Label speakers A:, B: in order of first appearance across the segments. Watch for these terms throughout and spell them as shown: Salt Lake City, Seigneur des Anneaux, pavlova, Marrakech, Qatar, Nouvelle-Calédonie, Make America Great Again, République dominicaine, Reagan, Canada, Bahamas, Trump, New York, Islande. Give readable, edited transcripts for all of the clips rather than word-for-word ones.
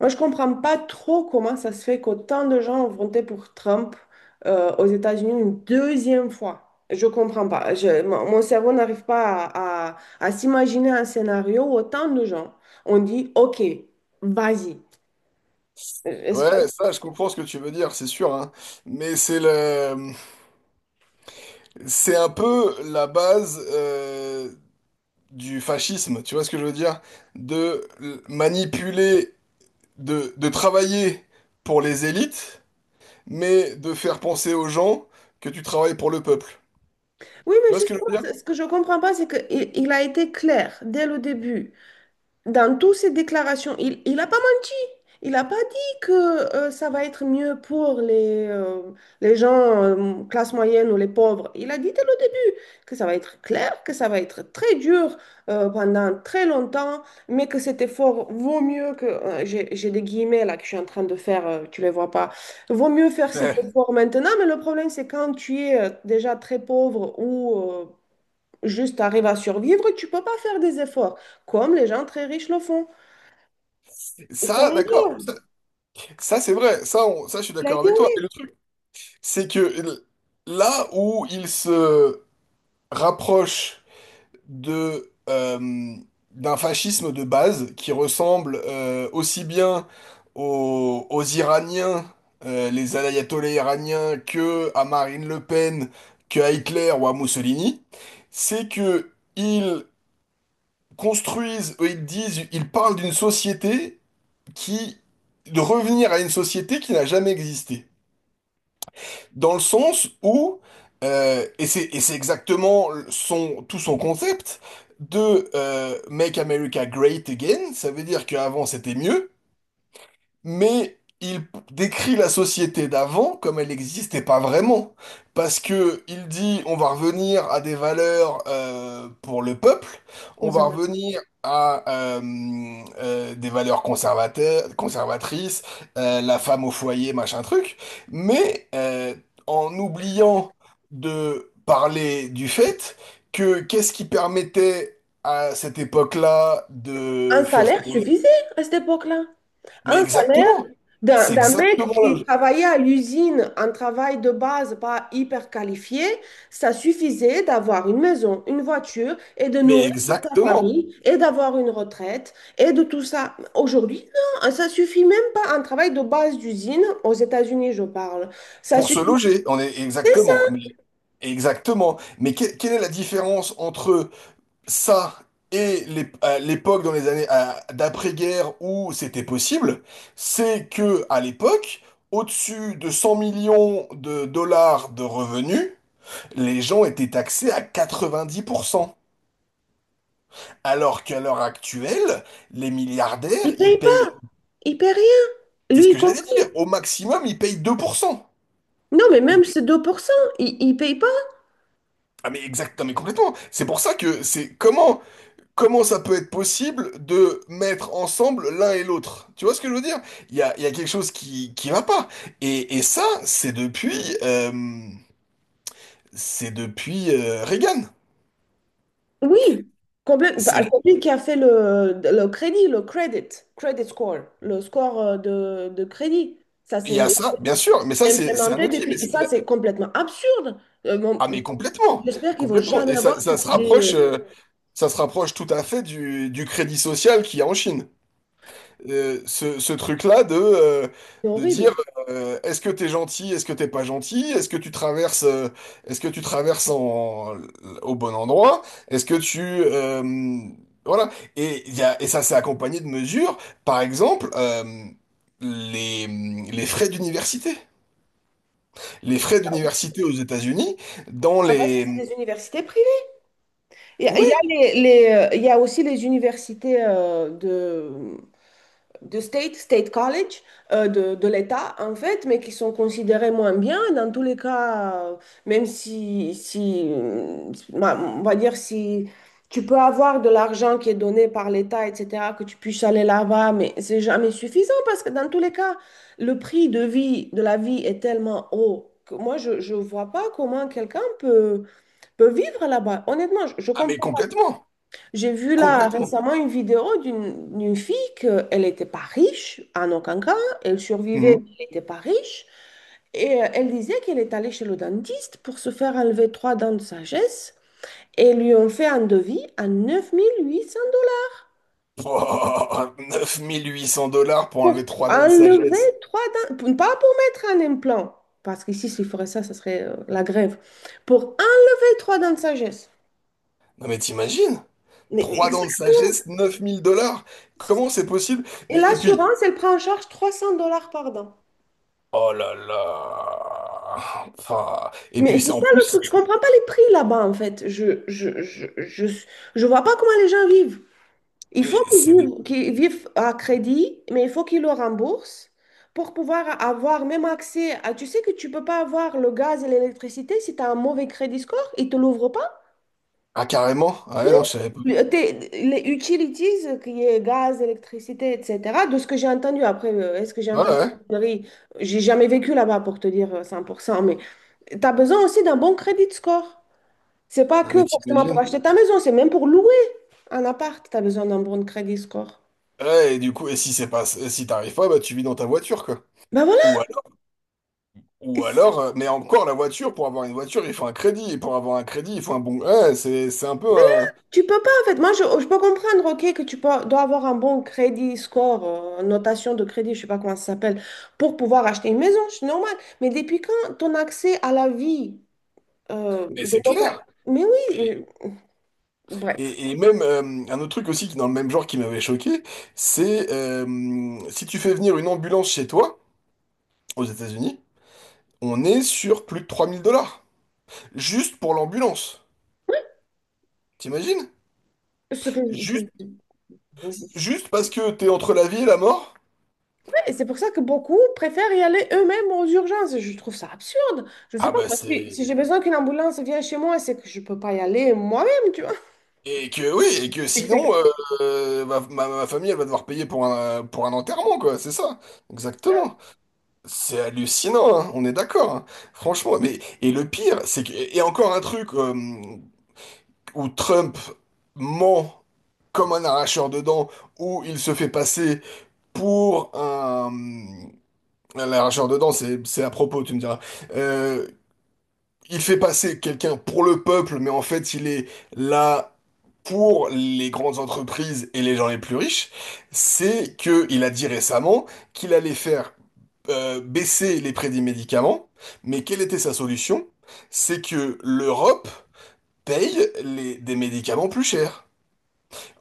A: Moi, je comprends pas trop comment ça se fait qu'autant de gens ont voté pour Trump aux États-Unis une deuxième fois. Je comprends pas. Mon cerveau n'arrive pas à s'imaginer un scénario où autant de gens ont dit, OK, vas-y. Euh, Est-ce que-
B: Ouais, ça, je comprends ce que tu veux dire, c'est sûr, hein. Mais c'est un peu la base du fascisme, tu vois ce que je veux dire? Manipuler, de travailler pour les élites, mais de faire penser aux gens que tu travailles pour le peuple.
A: Oui,
B: Tu
A: mais
B: vois ce que je
A: justement,
B: veux dire?
A: ce que je comprends pas, c'est qu'il il a été clair dès le début, dans toutes ses déclarations. Il a pas menti. Il n'a pas dit que ça va être mieux pour les gens classe moyenne ou les pauvres. Il a dit dès le début que ça va être clair, que ça va être très dur pendant très longtemps, mais que cet effort vaut mieux que… j'ai des guillemets là que je suis en train de faire, tu les vois pas. Vaut mieux faire cet
B: Ouais.
A: effort maintenant, mais le problème c'est quand tu es déjà très pauvre ou juste tu arrives à survivre, tu peux pas faire des efforts, comme les gens très riches le font. Et ça,
B: Ça, d'accord. Ça, c'est vrai. Ça, je suis
A: il a
B: d'accord
A: été
B: avec
A: oui,
B: toi. Et le truc, c'est que l- là où ils se rapprochent de d'un fascisme de base qui ressemble aussi bien aux Iraniens, les ayatollahs iraniens, que à Marine Le Pen, que à Hitler ou à Mussolini, c'est que ils construisent, ils parlent d'une société qui de revenir à une société qui n'a jamais existé dans le sens où, et c'est exactement son, tout son concept de Make America Great Again, ça veut dire qu'avant c'était mieux, mais il décrit la société d'avant comme elle n'existait pas vraiment. Parce que il dit on va revenir à des valeurs pour le peuple, on va
A: conservateur.
B: revenir à des valeurs conservateurs, conservatrices, la femme au foyer, machin truc, mais en oubliant de parler du fait que qu'est-ce qui permettait à cette époque-là
A: Un
B: de faire
A: salaire
B: tourner.
A: suffisait à cette époque-là.
B: Mais
A: Un salaire
B: exactement. C'est
A: d'un mec
B: exactement
A: qui
B: là.
A: travaillait à l'usine, un travail de base pas hyper qualifié, ça suffisait d'avoir une maison, une voiture et de
B: Mais
A: nourrir toute sa
B: exactement.
A: famille et d'avoir une retraite et de tout ça. Aujourd'hui, non, ça suffit même pas. Un travail de base d'usine, aux États-Unis, je parle, ça
B: Pour se
A: suffisait
B: loger, on est exactement.
A: ça.
B: Mais exactement. Quelle est la différence entre ça et à l'époque dans d'après-guerre où c'était possible? C'est que à l'époque, au-dessus de 100 millions de dollars de revenus, les gens étaient taxés à 90%. Alors qu'à l'heure actuelle, les milliardaires,
A: Ils
B: ils
A: payent pas,
B: payent.
A: ils payent rien.
B: C'est ce
A: Lui, il
B: que j'allais dire.
A: compris.
B: Au maximum, ils payent 2%.
A: Non, mais
B: Ils-
A: même ces 2%, il ne paye pas.
B: Ah mais exact, non, mais complètement. C'est pour ça que c'est comment comment ça peut être possible de mettre ensemble l'un et l'autre. Tu vois ce que je veux dire? Il y a quelque chose qui va pas. Et ça, c'est depuis Reagan.
A: Oui, complètement.
B: C'est
A: Celui qui a fait le crédit, le credit, credit score, le score euh, de de crédit, ça
B: il
A: c'est
B: y a ça, bien sûr, mais ça c'est un
A: implémenté
B: outil, mais
A: depuis. Et ça, c'est complètement absurde. Bon,
B: ah mais complètement,
A: j'espère qu'ils vont
B: complètement.
A: jamais
B: Et ça
A: avoir
B: ça
A: cette
B: se
A: idée.
B: rapproche ça se rapproche tout à fait du crédit social qu'il y a en Chine. Ce truc-là
A: C'est
B: de dire
A: horrible.
B: est-ce que t'es gentil, est-ce que t'es pas gentil, est-ce que tu traverses, est-ce que tu traverses en, au bon endroit, est-ce que tu voilà. Et ça s'est accompagné de mesures, par exemple les, les frais d'université, les frais
A: Ah, bon.
B: d'université aux États-Unis dans
A: Ah, parce que c'est
B: les.
A: des universités privées. Il y a
B: Oui,
A: il y a aussi les universités euh, de state, state college, euh, de l'État, en fait, mais qui sont considérés moins bien. Dans tous les cas, même si, bah, on va dire, si tu peux avoir de l'argent qui est donné par l'État, etc., que tu puisses aller là-bas, mais c'est jamais suffisant parce que dans tous les cas, le prix de vie, de la vie est tellement haut. Que moi, je ne vois pas comment quelqu'un peut vivre là-bas. Honnêtement, je
B: ah mais
A: comprends
B: complètement
A: j'ai vu là
B: complètement.
A: récemment une vidéo d'une fille qu'elle n'était pas riche en aucun cas, elle survivait,
B: Mhm.
A: elle n'était pas riche, et elle disait qu'elle est allée chez le dentiste pour se faire enlever trois dents de sagesse, et lui ont fait un devis à 9 800 dollars
B: Oh, 9 800 dollars pour enlever
A: pour
B: trois dents de
A: enlever
B: sagesse.
A: trois dents, pas pour mettre un implant, parce qu'ici s'il ferait ça, ça serait la grève, pour enlever trois dents de sagesse.
B: Non mais t'imagines?
A: Mais- mais
B: Trois dents de
A: exact-
B: sagesse, 9 000 dollars. Comment c'est possible?
A: Et
B: Et et puis,
A: l'assurance, elle prend en charge 300 dollars par dent.
B: oh là là. Enfin, et
A: Mais
B: puis
A: c'est
B: c'est en
A: ça le
B: plus,
A: truc, je comprends pas les prix là-bas en fait. Je vois pas comment les gens vivent. Il faut
B: c'est c'est des...
A: qu'ils vivent à crédit, mais il faut qu'ils le remboursent pour pouvoir avoir même accès à… Tu sais que tu peux pas avoir le gaz et l'électricité si tu as un mauvais crédit score, ils te l'ouvrent pas.
B: Ah carrément? Ah
A: Mais
B: ouais,
A: oui.
B: non, je savais pas.
A: Les utilities, qui est gaz, électricité, etc., de ce que j'ai entendu, après, est-ce que j'ai
B: Ouais,
A: entendu
B: ouais.
A: une connerie. J'ai jamais vécu là-bas pour te dire 100%, mais tu as besoin aussi d'un bon crédit score. C'est pas
B: Non
A: que
B: mais
A: forcément pour
B: t'imagines?
A: acheter ta maison, c'est même pour louer un appart, tu as besoin d'un bon crédit score.
B: Ouais, et du coup, et si c'est pas, si t'arrives pas, bah tu vis dans ta voiture, quoi.
A: Ben
B: Ou
A: voilà,
B: alors,
A: et
B: ou
A: si-
B: alors, mais encore la voiture, pour avoir une voiture, il faut un crédit. Et pour avoir un crédit, il faut un bon. Ouais, c'est un peu.
A: tu peux pas en fait. Moi, je peux comprendre, ok, que tu dois avoir un bon crédit score, notation de crédit, je sais pas comment ça s'appelle, pour pouvoir acheter une maison, c'est normal. Mais depuis quand ton accès à la vie
B: Mais
A: de
B: c'est
A: local…
B: clair.
A: Mais oui, bref,
B: Et même un autre truc aussi qui dans le même genre qui m'avait choqué, c'est si tu fais venir une ambulance chez toi, aux États-Unis, on est sur plus de 3 000 dollars. Juste pour l'ambulance. T'imagines?
A: ce que…
B: Juste, juste parce que t'es entre la vie et la mort?
A: Et c'est pour ça que beaucoup préfèrent y aller eux-mêmes aux urgences. Je trouve ça absurde. Je sais
B: Ah
A: pas,
B: bah
A: moi,
B: c'est...
A: si j'ai besoin qu'une ambulance vienne chez moi, c'est que je peux pas y aller moi-même, tu vois.
B: Et que oui, et que
A: Et que c'est-
B: sinon, ma famille, elle va devoir payer pour pour un enterrement, quoi, c'est ça. Exactement. C'est hallucinant, hein, on est d'accord. Hein. Franchement, mais... Et le pire, c'est que... Et encore un truc... où Trump ment comme un arracheur de dents, où il se fait passer pour un arracheur de dents, c'est à propos, tu me diras. Euh, il fait passer quelqu'un pour le peuple, mais en fait, il est là pour les grandes entreprises et les gens les plus riches. C'est que il a dit récemment qu'il allait faire baisser les prix des médicaments, mais quelle était sa solution? C'est que l'Europe paye des médicaments plus chers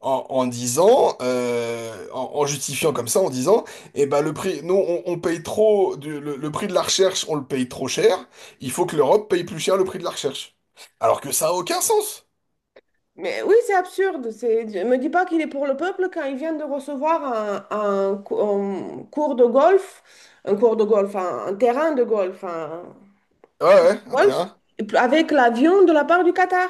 B: en justifiant comme ça, en disant, eh ben le prix, nous on paye trop, le prix de la recherche, on le paye trop cher, il faut que l'Europe paye plus cher le prix de la recherche. Alors que ça a aucun sens.
A: Mais oui, c'est absurde. C'est… Ne me dis pas qu'il est pour le peuple quand il vient de recevoir un cours de golf, un cours de golf, un terrain de golf, un
B: Ouais, ouais, hein, t'es
A: golf, avec l'avion de la part du Qatar.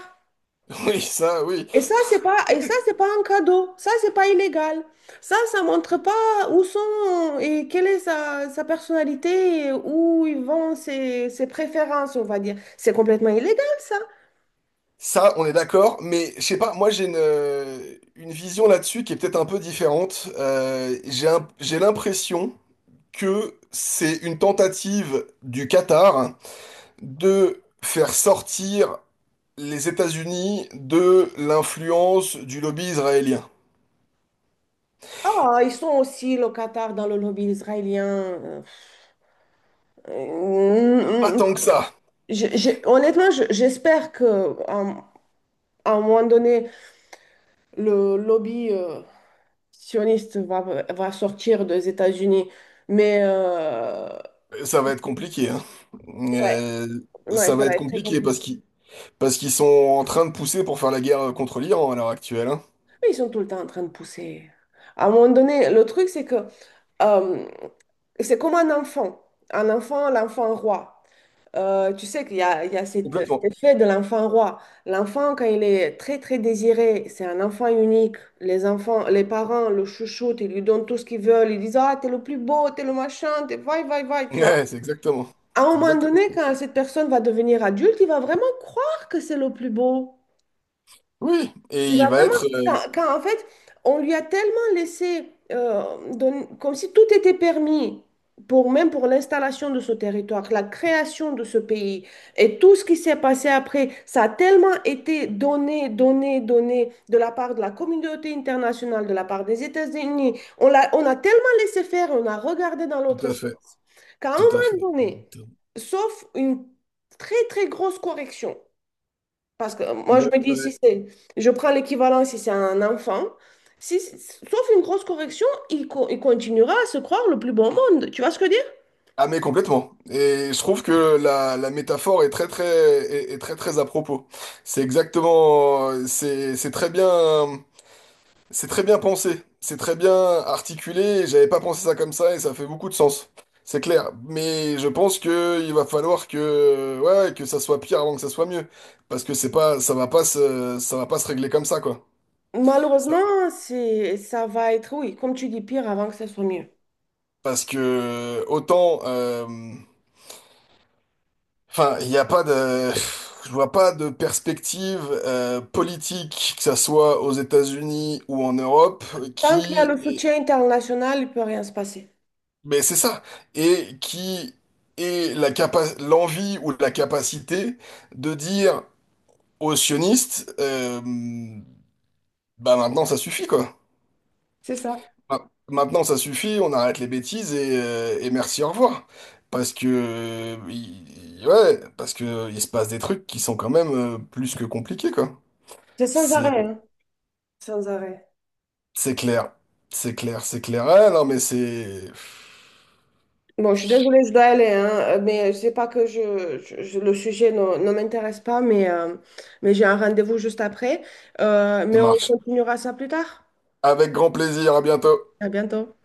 B: oui.
A: Et ça, c'est pas un cadeau. Ça, c'est pas illégal. Ça montre pas où sont et quelle est sa personnalité et où ils vont ses préférences, on va dire. C'est complètement illégal, ça.
B: Ça, on est d'accord, mais je sais pas, moi j'ai une vision là-dessus qui est peut-être un peu différente. J'ai l'impression que c'est une tentative du Qatar de faire sortir les États-Unis de l'influence du lobby israélien.
A: Ah, ils sont aussi locataires dans le lobby israélien.
B: Pas
A: Euh, euh,
B: tant que ça.
A: honnêtement, j'espère que à un moment donné, le lobby sioniste va sortir des États-Unis. Mais euh,
B: Ça va être compliqué, hein.
A: ouais,
B: Euh,
A: Ouais,
B: ça
A: ça
B: va
A: va
B: être
A: être très
B: compliqué
A: compliqué.
B: parce qu'ils sont en train de pousser pour faire la guerre contre l'Iran à l'heure actuelle, hein.
A: Mais ils sont tout le temps en train de pousser. À un moment donné, le truc, c'est que euh, c'est comme un enfant. Un enfant, l'enfant roi. Tu sais qu'il y a cet
B: Complètement.
A: effet de l'enfant roi. L'enfant, quand il est très, très désiré, c'est un enfant unique. Les enfants, les parents le chouchoutent, ils lui donnent tout ce qu'ils veulent. Ils disent, ah, t'es le plus beau, t'es le machin, t'es vai, vai, vai, tu vois.
B: Ouais, c'est exactement.
A: À un
B: C'est
A: moment donné,
B: exactement.
A: quand cette personne va devenir adulte, il va vraiment croire que c'est le plus beau.
B: Oui, et
A: Il
B: il
A: va
B: va
A: vraiment,
B: être...
A: en fait, on lui a tellement laissé, comme si tout était permis, pour, même pour l'installation de ce territoire, la création de ce pays, et tout ce qui s'est passé après, ça a tellement été donné, donné, donné de la part de la communauté internationale, de la part des États-Unis. On a tellement laissé faire, on a regardé dans
B: tout
A: l'autre
B: à fait.
A: sens, qu'à un
B: Tout à fait.
A: moment donné, sauf une très, très grosse correction, parce que moi, je me dis, si
B: Ouais.
A: c'est, je prends l'équivalent si c'est un enfant, si, sauf une grosse correction, il continuera à se croire le plus bon monde. Tu vois ce que je veux dire?
B: Ah mais complètement. Et je trouve que la métaphore est très très à propos. C'est exactement c'est très bien. C'est très bien pensé, c'est très bien articulé, et j'avais pas pensé ça comme ça et ça fait beaucoup de sens. C'est clair, mais je pense que il va falloir que ouais, ouais, que ça soit pire avant que ça soit mieux parce que c'est pas ça va pas se ça va pas se régler comme ça quoi. Ça-
A: Malheureusement, c'est, ça va être, oui, comme tu dis, pire avant que ça soit mieux.
B: Parce que autant enfin, il n'y a pas de je vois pas de perspective politique que ça soit aux États-Unis ou en Europe
A: Tant qu'il y a
B: qui.
A: le soutien international, il ne peut rien se passer.
B: Mais c'est ça. Et qui est l'envie ou la capacité de dire aux sionistes, bah maintenant ça suffit quoi.
A: C'est ça.
B: Maintenant ça suffit, on arrête les bêtises et merci, au revoir. Parce que, ouais, parce que il se passe des trucs qui sont quand même plus que compliqués quoi.
A: C'est sans
B: C'est,
A: arrêt, hein. Sans arrêt.
B: c'est clair. C'est clair, c'est clair. Ah, non mais c'est,
A: Bon, je suis désolée, je dois aller, hein, mais c'est pas que le sujet ne m'intéresse pas, mais j'ai un rendez-vous juste après.
B: ça
A: Mais on
B: marche.
A: continuera ça plus tard.
B: Avec grand plaisir, à bientôt.
A: À bientôt.